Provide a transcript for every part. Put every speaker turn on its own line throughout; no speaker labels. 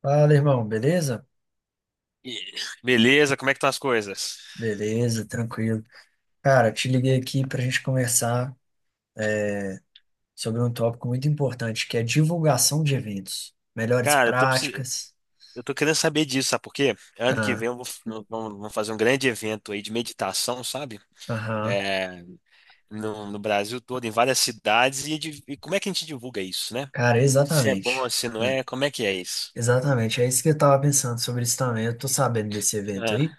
Fala, irmão, beleza?
E- Beleza, como é que estão as coisas?
Beleza, tranquilo. Cara, te liguei aqui para a gente conversar sobre um tópico muito importante, que é divulgação de eventos, melhores
Cara,
práticas.
eu tô querendo saber disso, sabe por quê? Ano que
Ah,
vem nós vamos fazer um grande evento aí de meditação, sabe?
aham.
É, no Brasil todo, em várias cidades, e como é que a gente divulga isso, né?
Cara,
Se é
exatamente.
bom, se não é, como é que é isso?
Exatamente. É isso que eu tava pensando sobre isso também. Eu tô sabendo desse evento
Ah,
aí,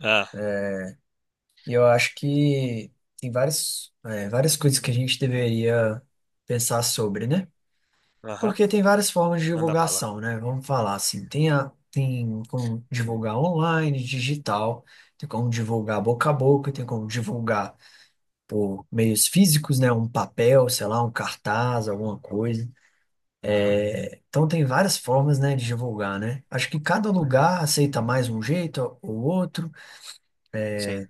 ah,
e eu acho que tem várias, várias coisas que a gente deveria pensar sobre, né?
aham,
Porque tem várias formas de
manda bala.
divulgação, né? Vamos falar assim, tem, a, tem como
Sim.
divulgar online, digital, tem como divulgar boca a boca, tem como divulgar por meios físicos, né? Um papel, sei lá, um cartaz, alguma coisa.
Ah,
Então tem várias formas, né, de divulgar, né? Acho que cada
uhum,
lugar aceita mais um jeito ou outro.
sim,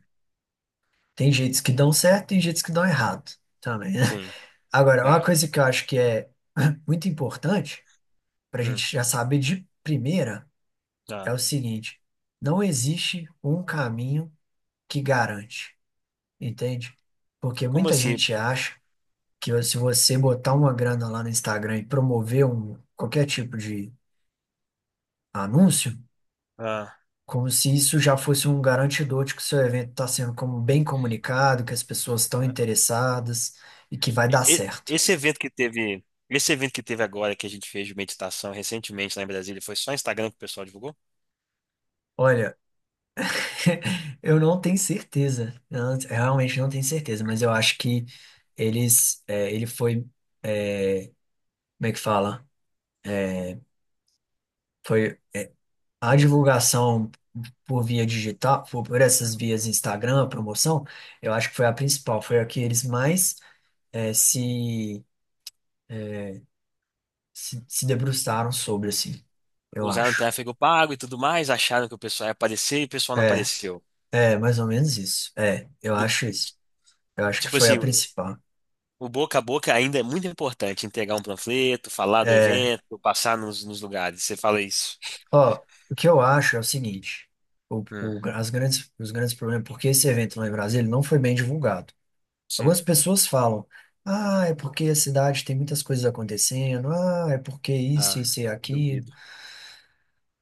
Tem jeitos que dão certo, tem jeitos que dão errado também, né?
sim,
Agora, uma
é.
coisa que eu acho que é muito importante para a
Hum,
gente já saber de primeira é
ah.
o seguinte: não existe um caminho que garante, entende? Porque
Como
muita
assim?
gente acha que se você botar uma grana lá no Instagram e promover um, qualquer tipo de anúncio,
Ah.
como se isso já fosse um garantidor de que o seu evento está sendo como bem comunicado, que as pessoas estão
Ah,
interessadas e que vai dar
E-
certo.
Esse evento que teve, esse evento que teve agora que a gente fez de meditação recentemente lá em Brasília, foi só Instagram que o pessoal divulgou?
Olha, eu não tenho certeza, eu não- eu realmente não tenho certeza, mas eu acho que eles, ele foi, é, como é que fala? Foi a
Yeah.
divulgação por via digital, por essas vias Instagram, promoção, eu acho que foi a principal, foi a que eles mais se, eh, se debruçaram sobre, assim, eu
Usaram
acho.
tráfego pago e tudo mais, acharam que o pessoal ia aparecer e o pessoal não
É,
apareceu.
é, mais ou menos isso. É, eu acho isso. Eu acho que
Tipo
foi a
assim, o
principal.
o boca a boca ainda é muito importante, entregar um panfleto, falar do
É,
evento, passar nos lugares. Você fala isso?
ó, o que eu acho é o seguinte,
Hum,
as grandes, os grandes problemas, porque esse evento lá em Brasília não foi bem divulgado.
sim.
Algumas pessoas falam, ah, é porque a cidade tem muitas coisas acontecendo, ah, é porque isso,
Ah,
isso e aquilo,
duvido.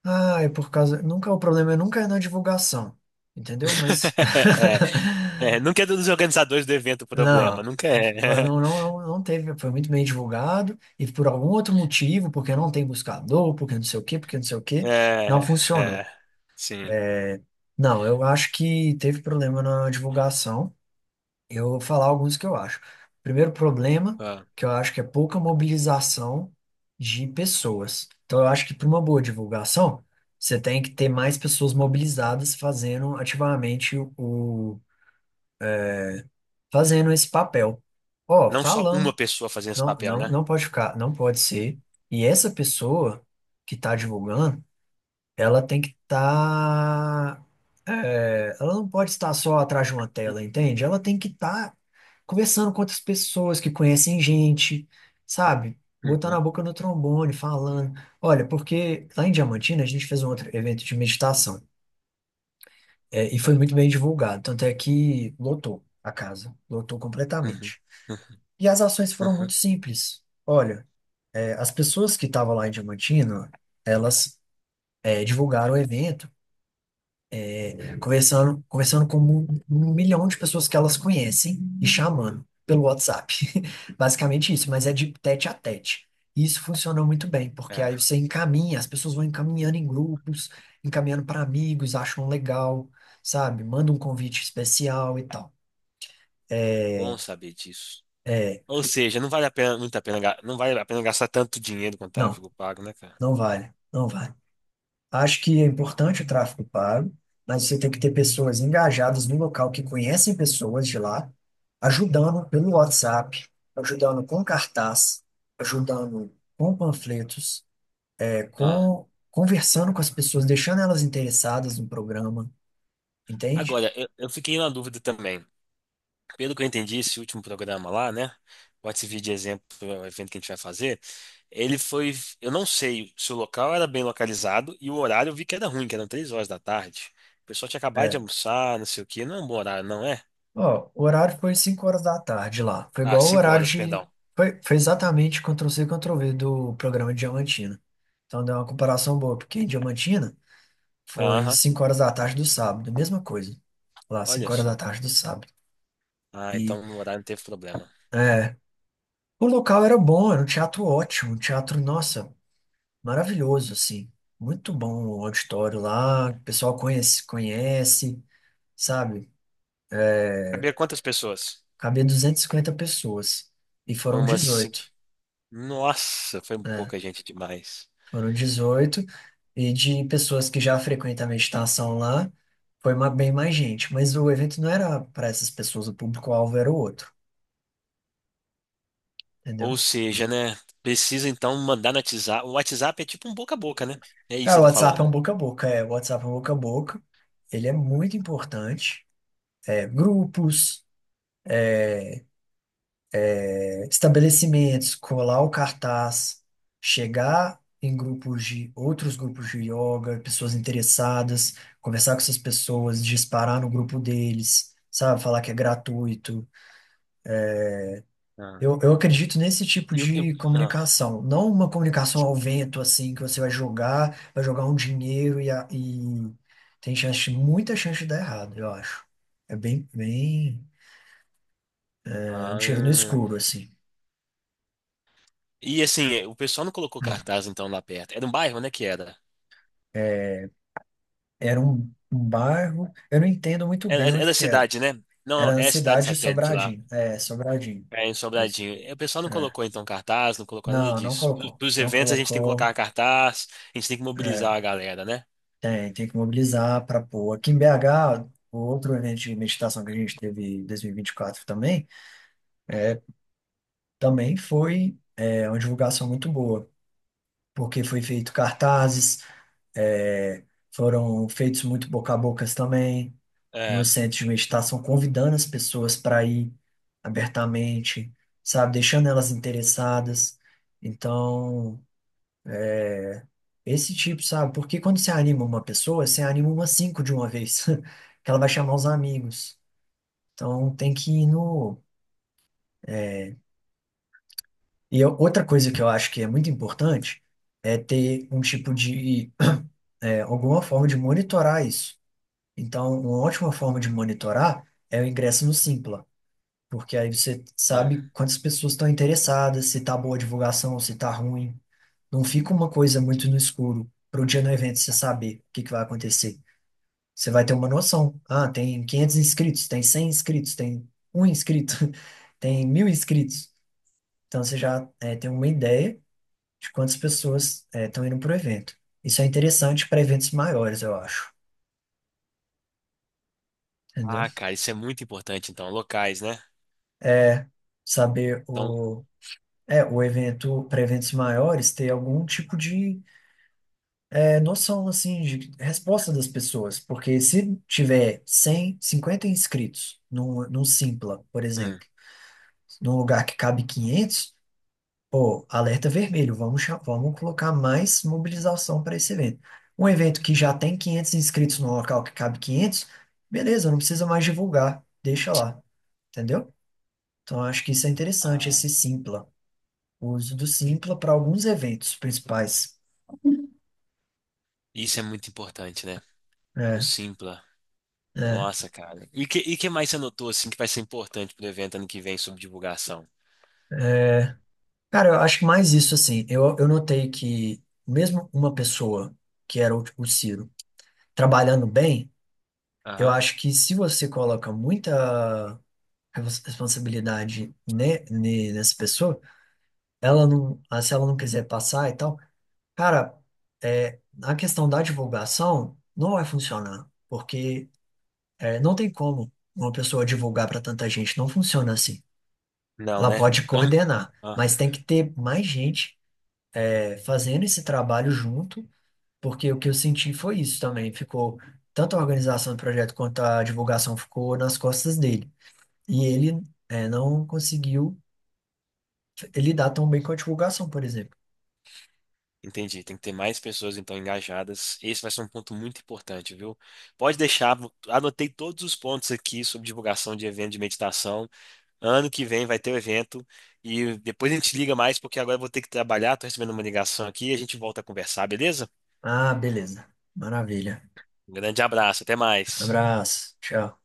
ah, é por causa. Nunca é o problema, é nunca é na divulgação, entendeu? Mas
É, é, nunca é dos organizadores do evento o problema,
não,
nunca é.
não, não, não, não teve, foi muito bem divulgado e por algum outro motivo, porque não tem buscador, porque não sei o quê, porque não sei o quê, não
É,
funcionou.
é, sim.
É, não, eu acho que teve problema na divulgação. Eu vou falar alguns que eu acho. Primeiro problema,
Ah.
que eu acho que é pouca mobilização de pessoas. Então, eu acho que para uma boa divulgação, você tem que ter mais pessoas mobilizadas fazendo ativamente o- fazendo esse papel. Ó,
Não só uma
falando,
pessoa fazendo esse
não,
papel,
não,
né?
não pode ficar, não pode ser. E essa pessoa que está divulgando, ela tem que estar, ela não pode estar só atrás de uma tela, entende? Ela tem que estar conversando com outras pessoas que conhecem gente, sabe? Botando a
Uhum,
boca no trombone, falando. Olha, porque lá em Diamantina a gente fez um outro evento de meditação, e foi
certo.
muito bem divulgado, tanto é que lotou a casa, lotou
Uhum,
completamente.
uhum,
E as ações foram
uhum.
muito simples. Olha, as pessoas que estavam lá em Diamantina, elas divulgaram o evento. Conversando, conversando com um milhão de pessoas que elas conhecem e chamando pelo WhatsApp. Basicamente isso, mas é de tete a tete. E isso funcionou muito bem, porque
É,
aí você encaminha, as pessoas vão encaminhando em grupos, encaminhando para amigos, acham legal, sabe? Manda um convite especial e tal.
bom
É,
saber disso.
é,
Ou seja, não vale a pena, muito a pena, ga- não vale a pena gastar tanto dinheiro quanto
não,
tráfego pago, né, cara?
não vale, não vale. Acho que é importante o tráfego pago, mas você tem que ter pessoas engajadas no local que conhecem pessoas de lá, ajudando pelo WhatsApp, ajudando com cartaz, ajudando com panfletos,
Ah,
com conversando com as pessoas, deixando elas interessadas no programa, entende?
agora, eu fiquei na dúvida também. Pelo que eu entendi, esse último programa lá, né? Pode servir de exemplo para o evento que a gente vai fazer. Ele foi, eu não sei se o local era bem localizado e o horário eu vi que era ruim, que eram 3 horas da tarde. O pessoal tinha acabado de
É.
almoçar, não sei o quê. Não é um bom horário, não é?
Ó, o horário foi 5 horas da tarde lá. Foi
Ah,
igual o
cinco
horário
horas,
de.
perdão.
Foi, foi exatamente Ctrl-C, Ctrl-V do programa de Diamantina. Então deu uma comparação boa, porque em Diamantina foi
Aham,
5 horas da tarde do sábado, mesma coisa. Lá, 5
olha
horas da
só.
tarde do sábado.
Ah,
E
então no horário não teve problema.
é, o local era bom, era um teatro ótimo, um teatro, nossa, maravilhoso, assim. Muito bom o auditório lá, o pessoal conhece, conhece, sabe?
Cabia quantas pessoas?
Cabia 250 pessoas e
Foi
foram
umas cinco.
18,
Nossa, foi
né?
pouca gente demais.
Foram 18 e de pessoas que já frequentam a meditação lá, foi ma- bem mais gente, mas o evento não era para essas pessoas, o público-alvo era o outro, entendeu?
Ou seja, né? Precisa então mandar no WhatsApp. O WhatsApp é tipo um boca a boca, né? É isso que
Cara,
você
o
tá
WhatsApp é
falando.
um boca a boca, é, o WhatsApp é um boca a boca, ele é muito importante, grupos, estabelecimentos, colar o cartaz, chegar em grupos de, outros grupos de yoga, pessoas interessadas, conversar com essas pessoas, disparar no grupo deles, sabe, falar que é gratuito.
Ah.
Eu acredito nesse tipo
E Eu, eu-
de
ah,
comunicação, não uma comunicação ao vento, assim, que você vai jogar um dinheiro e, a- e tem chance, muita chance de dar errado, eu acho. É bem, bem, é um tiro no
ah.
escuro, assim.
E assim, o pessoal não colocou cartaz então lá perto. Era um bairro, né, que era?
É, era um, um bairro, eu não entendo muito
Era,
bem
era
onde que era.
cidade, né? Não,
Era na
é cidade
cidade de
satélite lá.
Sobradinho, é, Sobradinho,
É, em
isso.
Sobradinho. E o pessoal não
É.
colocou então cartaz, não colocou nada
Não, não
disso.
colocou,
Para os
não
eventos a gente tem que
colocou.
colocar cartaz, a gente tem que mobilizar
É,
a galera, né?
tem, tem que mobilizar para pôr. Aqui em BH, o outro evento de meditação que a gente teve em 2024 também, também foi uma divulgação muito boa, porque foi feito cartazes, é, foram feitos muito boca a bocas também, no
É.
centro de meditação, convidando as pessoas para ir abertamente, sabe, deixando elas interessadas. Então, esse tipo, sabe, porque quando você anima uma pessoa, você anima umas 5 de uma vez, que ela vai chamar os amigos. Então tem que ir no. E eu- outra coisa que eu acho que é muito importante é ter um tipo de, alguma forma de monitorar isso. Então, uma ótima forma de monitorar é o ingresso no Simpla, porque aí você
Ah,
sabe quantas pessoas estão interessadas, se tá boa a divulgação, se tá ruim. Não fica uma coisa muito no escuro para o dia do evento você saber o que que vai acontecer. Você vai ter uma noção. Ah, tem 500 inscritos, tem 100 inscritos, tem um inscrito, tem 1.000 inscritos. Então você já tem uma ideia de quantas pessoas estão indo para o evento. Isso é interessante para eventos maiores, eu acho. Entendeu?
ah, cara, isso é muito importante então, locais, né?
É saber
Então,
o. É, o evento, para eventos maiores, ter algum tipo de noção, assim, de resposta das pessoas. Porque se tiver 100, 50 inscritos num, num Simpla, por
hum,
exemplo, num lugar que cabe 500, pô, alerta vermelho, vamos, cha- vamos colocar mais mobilização para esse evento. Um evento que já tem 500 inscritos no local que cabe 500, beleza, não precisa mais divulgar, deixa lá, entendeu? Então, acho que isso é interessante,
ah,
esse Simpla, o uso do Simpla para alguns eventos principais.
isso é muito importante, né? O
É,
Simpla.
é,
Nossa, cara. E que mais você notou assim que vai ser importante pro evento ano que vem sobre divulgação?
é. Cara, eu acho que mais isso, assim, eu notei que mesmo uma pessoa, que era o Ciro, trabalhando bem, eu
Aham.
acho que se você coloca muita respons- responsabilidade nessa pessoa, ela não, ah, se ela não quiser passar e tal, cara, a questão da divulgação não vai funcionar, porque não tem como uma pessoa divulgar para tanta gente, não funciona assim.
Não,
Ela
né?
pode
Então.
coordenar, mas tem que ter mais gente fazendo esse trabalho junto, porque o que eu senti foi isso também, ficou tanto a organização do projeto quanto a divulgação ficou nas costas dele. E ele não conseguiu lidar tão bem com a divulgação, por exemplo.
Entendi, tem que ter mais pessoas então engajadas. Esse vai ser um ponto muito importante, viu? Pode deixar, anotei todos os pontos aqui sobre divulgação de evento de meditação. Ano que vem vai ter o evento e depois a gente liga mais porque agora eu vou ter que trabalhar, tô recebendo uma ligação aqui e a gente volta a conversar, beleza?
Ah, beleza. Maravilha.
Um grande abraço, até mais.
Abraço. Tchau.